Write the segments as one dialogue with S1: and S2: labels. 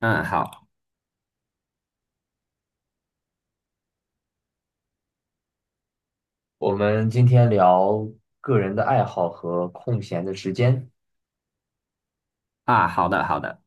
S1: 嗯，好。
S2: 我们今天聊个人的爱好和空闲的时间。
S1: 啊，好的，好的，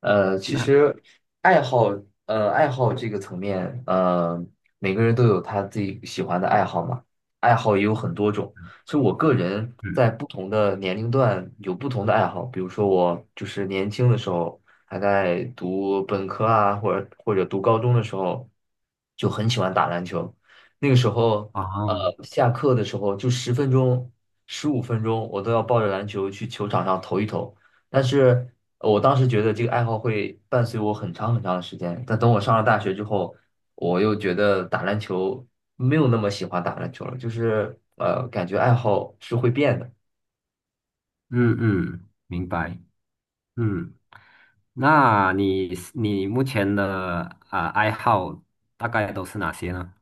S2: 其
S1: 那
S2: 实爱好，爱好这个层面，每个人都有他自己喜欢的爱好嘛，爱好也有很多种。所以我个人
S1: 嗯
S2: 在不同的年龄段有不同的爱好，比如说我就是年轻的时候，还在读本科啊，或者读高中的时候，就很喜欢打篮球。那个时候，呃，
S1: 啊，
S2: 下课的时候就十分钟、十五分钟，我都要抱着篮球去球场上投一投。但是我当时觉得这个爱好会伴随我很长很长的时间，但等我上了大学之后，我又觉得打篮球没有那么喜欢打篮球了，就是感觉爱好是会变的。
S1: 嗯嗯，明白。嗯，那你目前的爱好大概都是哪些呢？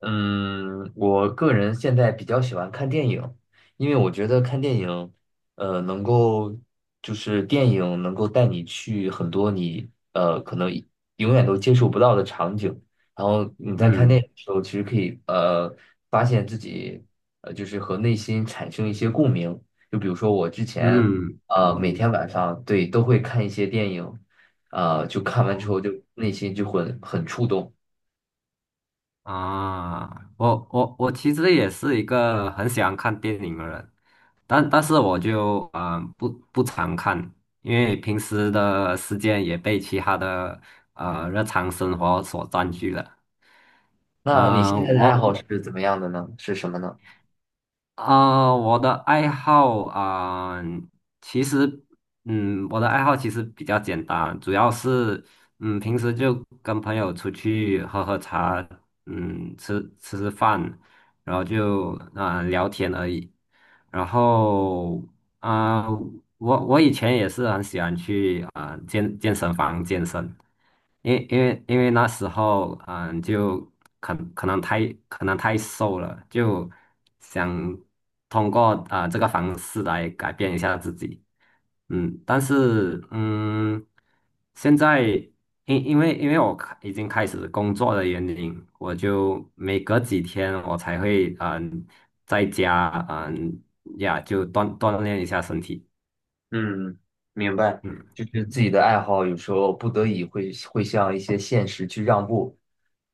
S2: 嗯，我个人现在比较喜欢看电影，因为我觉得看电影，呃，能够就是电影能够带你去很多你可能永远都接触不到的场景，然后你在看电
S1: 嗯
S2: 影的时候，其实可以发现自己就是和内心产生一些共鸣，就比如说我之前
S1: 嗯，同
S2: 每
S1: 意的。
S2: 天晚上，对，都会看一些电影，就看完之
S1: 同
S2: 后
S1: 意。
S2: 就内心就会很触动。
S1: 啊，我其实也是一个很喜欢看电影的人，但是我就不常看，因为平时的时间也被其他的啊日常生活所占据了。
S2: 那你现在的爱
S1: 我。
S2: 好是怎么样的呢？是什么呢？
S1: 我的爱好啊、其实，嗯，我的爱好其实比较简单，主要是，嗯，平时就跟朋友出去喝喝茶，嗯，吃吃饭，然后就聊天而已。然后啊、我以前也是很喜欢去健身房健身。因为那时候，嗯，就可能太瘦了，就想通过这个方式来改变一下自己，嗯，但是嗯，现在因为我已经开始工作的原因，我就每隔几天我才会在家就锻炼一下身体。
S2: 嗯，明白，
S1: 嗯
S2: 就是自己的爱好有时候不得已会向一些现实去让步，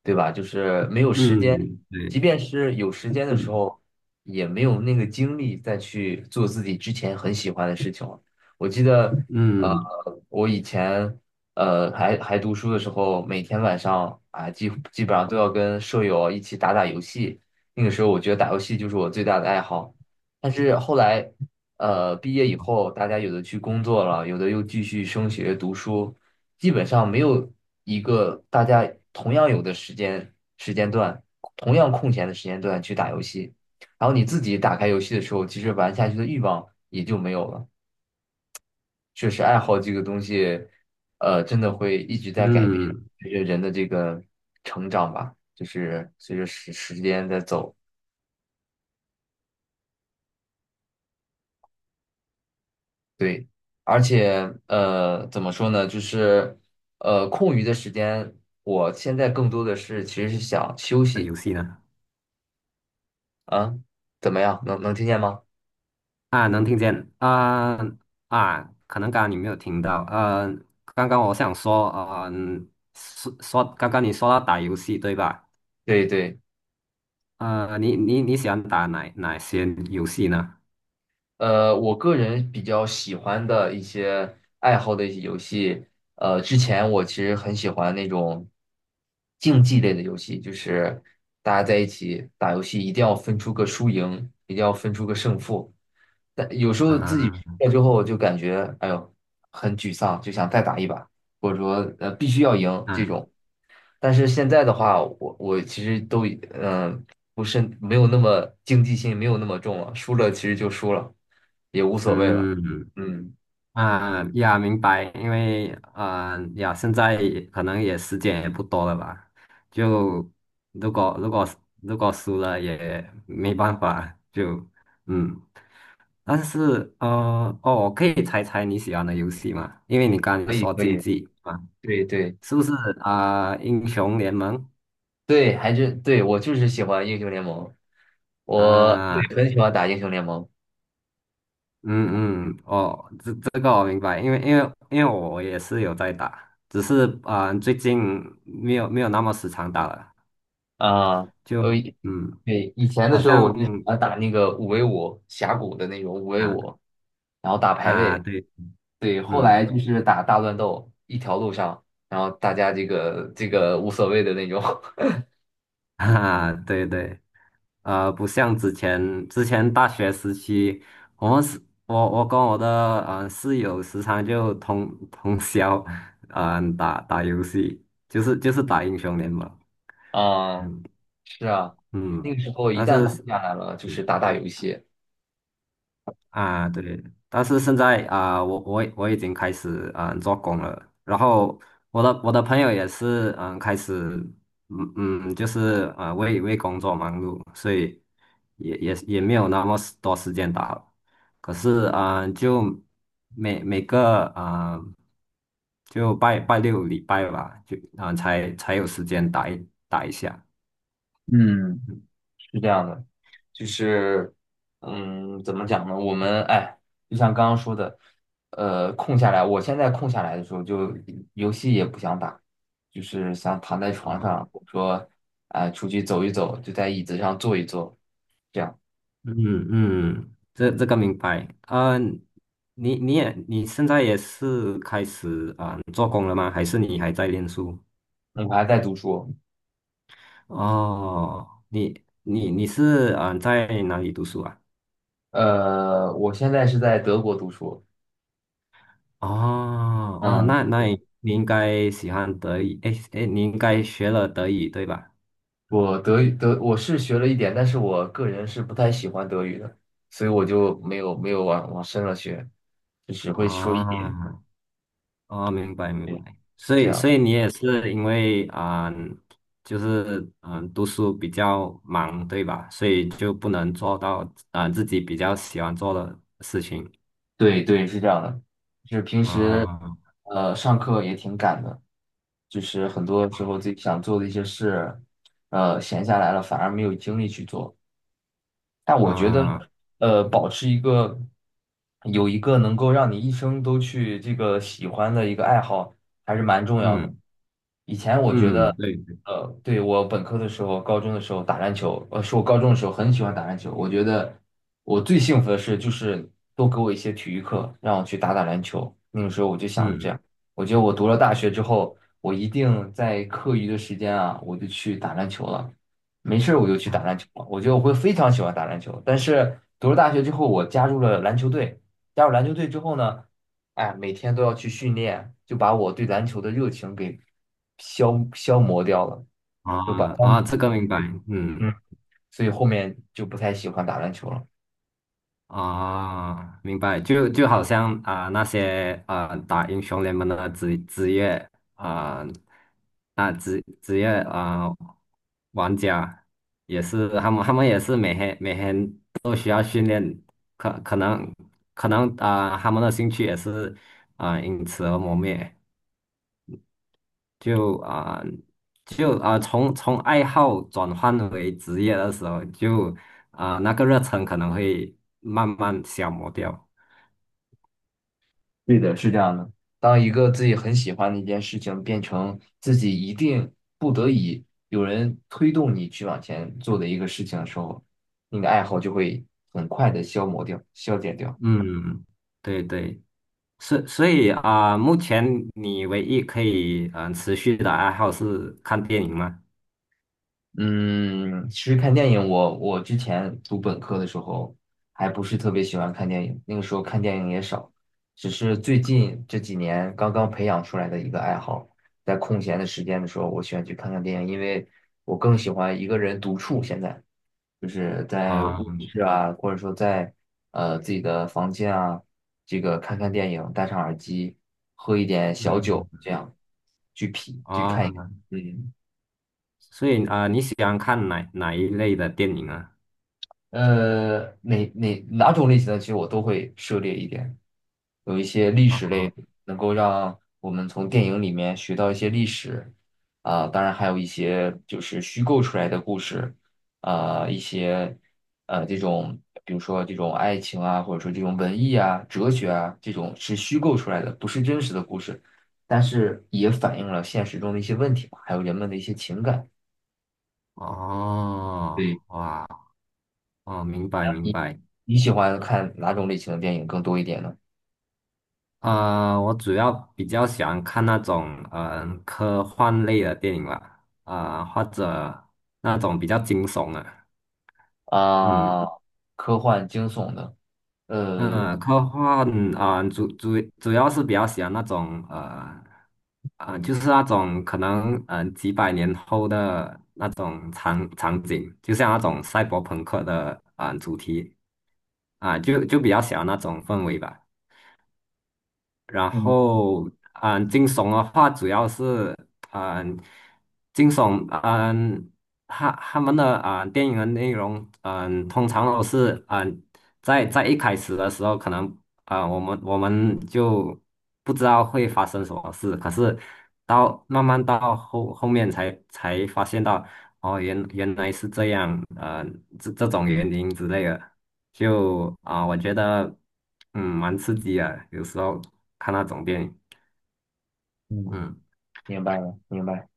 S2: 对吧？就是没有时间，
S1: 嗯对。
S2: 即便是有时间的时
S1: 嗯
S2: 候，也没有那个精力再去做自己之前很喜欢的事情了。我记得，呃，
S1: 嗯
S2: 我以前还读书的时候，每天晚上啊，基本上都要跟舍友一起打打游戏。那个时候，我觉得打游戏就是我最大的爱好。但是后来。毕业以后，大家有的去工作了，有的又继续升学读书，基本上没有一个大家同样有的时间段，同样空闲的时间段去打游戏。然后你自己打开游戏的时候，其实玩下去的欲望也就没有了。确实，爱好这个东西，真的会一直在改变，
S1: 嗯，
S2: 随着人的这个成长吧，就是随着时间在走。对，而且怎么说呢？就是空余的时间，我现在更多的其实是想休
S1: 呃
S2: 息
S1: 游戏呢？
S2: 啊，怎么样？能听见吗？
S1: 啊，能听见啊。啊，可能刚刚你没有听到，呃，刚刚我想说，呃，说刚刚你说到打游戏对吧？
S2: 对对，
S1: 呃，你喜欢打哪些游戏呢？
S2: 我个人比较喜欢的一些爱好的一些游戏，之前我其实很喜欢那种竞技类的游戏，就是大家在一起打游戏，一定要分出个输赢，一定要分出个胜负。但有时候自己
S1: 啊。
S2: 输了之后，就感觉哎呦很沮丧，就想再打一把，或者说必须要赢这
S1: 啊。
S2: 种。但是现在的话，我其实都嗯、呃不是没有那么竞技性，没有那么重了，输了其实就输了，也无所谓了。
S1: 嗯。
S2: 嗯，
S1: 啊呀，明白，因为呃呀，现在可能也时间也不多了吧，就如果如果如果输了也没办法，就嗯。但是呃，哦，我可以猜猜你喜欢的游戏吗？因为你刚才
S2: 可以
S1: 说
S2: 可
S1: 竞
S2: 以，
S1: 技啊，
S2: 对对
S1: 是不是英雄联盟？
S2: 对，还是，对，我就是喜欢英雄联盟，我，
S1: 啊，
S2: 对，很喜欢打英雄联盟。
S1: 嗯嗯，哦，这个我明白，因为我也是有在打，只是最近没有那么时常打了，嗯
S2: 啊，
S1: 就
S2: 我以
S1: 嗯，
S2: 对，以前的
S1: 好
S2: 时候我
S1: 像
S2: 就喜欢打那个五 v 五峡谷的那种五 v
S1: 啊。
S2: 五，然后打排
S1: 啊
S2: 位。
S1: 对，
S2: 对，后来
S1: 嗯。
S2: 就是打大乱斗，一条路上，然后大家这个无所谓的那种。
S1: 啊对对，呃，不像之前大学时期，我们是，我我跟我的室友时常就通通宵，打打游戏，就是打英雄联盟，
S2: 啊，
S1: 嗯
S2: 是啊，
S1: 嗯，
S2: 那个时候一
S1: 但
S2: 旦空
S1: 是
S2: 下来了，就是
S1: 嗯
S2: 打打游戏，
S1: 对，但是现在啊，我我已经开始嗯做工了，然后我的朋友也是嗯开始就是啊为工作忙碌，所以也也没有那么多时间打了。可是啊，就每个就拜六礼拜吧，就才才有时间打一下。
S2: 嗯，是这样的。就是，嗯，怎么讲呢？我们哎，就像刚刚说的，空下来，我现在空下来的时候就，游戏也不想打，就是想躺在床
S1: 嗯
S2: 上，或者说，哎，出去走一走，就在椅子上坐一坐，这样。
S1: 嗯。嗯，这个明白。嗯、你现在也是开始做工了吗？还是你还在念书？
S2: 我还在读书，
S1: 哦，你是在哪里读书啊？
S2: 我现在是在德国读书。
S1: 哦哦，
S2: 嗯，
S1: 那你应该喜欢德语，诶你应该学了德语对吧？
S2: 我德语我是学了一点，但是我个人是不太喜欢德语的，所以我就没有往深了学，就只会说一点，
S1: 啊。哦，明白明白，
S2: 对，
S1: 所
S2: 这
S1: 以所
S2: 样。
S1: 以你也是因为就是读书比较忙，对吧？所以就不能做到自己比较喜欢做的事情。
S2: 对对，是这样的，就是平时，
S1: 啊。
S2: 上课也挺赶的，就是很多时候自己想做的一些事，闲下来了反而没有精力去做。但我觉得，
S1: 啊、
S2: 保持一个有一个能够让你一生都去这个喜欢的一个爱好，还是蛮重要的。
S1: 嗯嗯，
S2: 呃
S1: 对对，
S2: 对，我本科的时候、高中的时候打篮球，是我高中的时候很喜欢打篮球。我觉得我最幸福的事就是多给我一些体育课，让我去打打篮球。那个时候我就想着这
S1: 嗯。
S2: 样，我觉得我读了大学之后，我一定在课余的时间啊，我就去打篮球了。没事儿我就去打
S1: 啊
S2: 篮球了。我觉得我会非常喜欢打篮球。但是读了大学之后，我加入了篮球队。加入篮球队之后呢？哎，每天都要去训练，就把我对篮球的热情给消磨掉了，就把
S1: 啊。
S2: 当，
S1: 啊，这个明
S2: 对
S1: 白，
S2: 对，嗯，
S1: 嗯。
S2: 所以后面就不太喜欢打篮球了。
S1: 啊，明白，就就好像那些打英雄联盟的职业。啊啊、职职业啊、呃玩家也是，他们也是每天每天都需要训练，可可能可能他们的兴趣也是因此而磨灭，就啊、就啊、从爱好转换为职业的时候，就那个热忱可能会慢慢消磨掉。
S2: 对的，是这样的。当一个自己很喜欢的一件事情变成自己一定不得已有人推动你去往前做的一个事情的时候，你的爱好就会很快的消磨掉、消减掉。
S1: 嗯，对对，所以目前你唯一可以持续的爱好是看电影吗？
S2: 嗯，其实看电影我之前读本科的时候还不是特别喜欢看电影，那个时候看电影也少，只是最近这几年刚刚培养出来的一个爱好，在空闲的时间的时候，我喜欢去看看电影，因为我更喜欢一个人独处。现在就是在卧
S1: 啊、
S2: 室啊，或者说在自己的房间啊，这个看看电影，戴上耳机，喝一点小酒，
S1: 嗯。
S2: 这样去品去看一，
S1: 啊、
S2: 嗯。
S1: 所以你喜欢看哪一类的电影啊？
S2: 哪种类型的，其实我都会涉猎一点。有一些历史
S1: 啊。
S2: 类，能够让我们从电影里面学到一些历史啊，当然还有一些就是虚构出来的故事啊，一些这种，比如说这种爱情啊，或者说这种文艺啊、哲学啊，这种是虚构出来的，不是真实的故事，但是也反映了现实中的一些问题嘛，还有人们的一些情感。
S1: 哦
S2: 对，
S1: 哇。哦，明白明
S2: 你
S1: 白。
S2: 你喜欢看哪种类型的电影更多一点呢？
S1: 我主要比较喜欢看那种科幻类的电影吧，或者那种比较惊悚的，嗯。
S2: 啊，科幻惊悚的，呃，
S1: 嗯，科幻主要是比较喜欢那种就是那种可能几百年后的那种场景，就像那种赛博朋克的主题就比较喜欢那种氛围吧。然
S2: 嗯
S1: 后，嗯，惊悚的话主要是，嗯，惊悚，嗯，他们的电影的内容，嗯，通常都是，嗯，在一开始的时候，可能我们就不知道会发生什么事，可是慢慢到后面才发现到，哦，原来是这样，呃，这种原因之类的。就我觉得嗯蛮刺激啊，有时候看那种电影，
S2: 嗯，
S1: 嗯。
S2: 明白了，明白。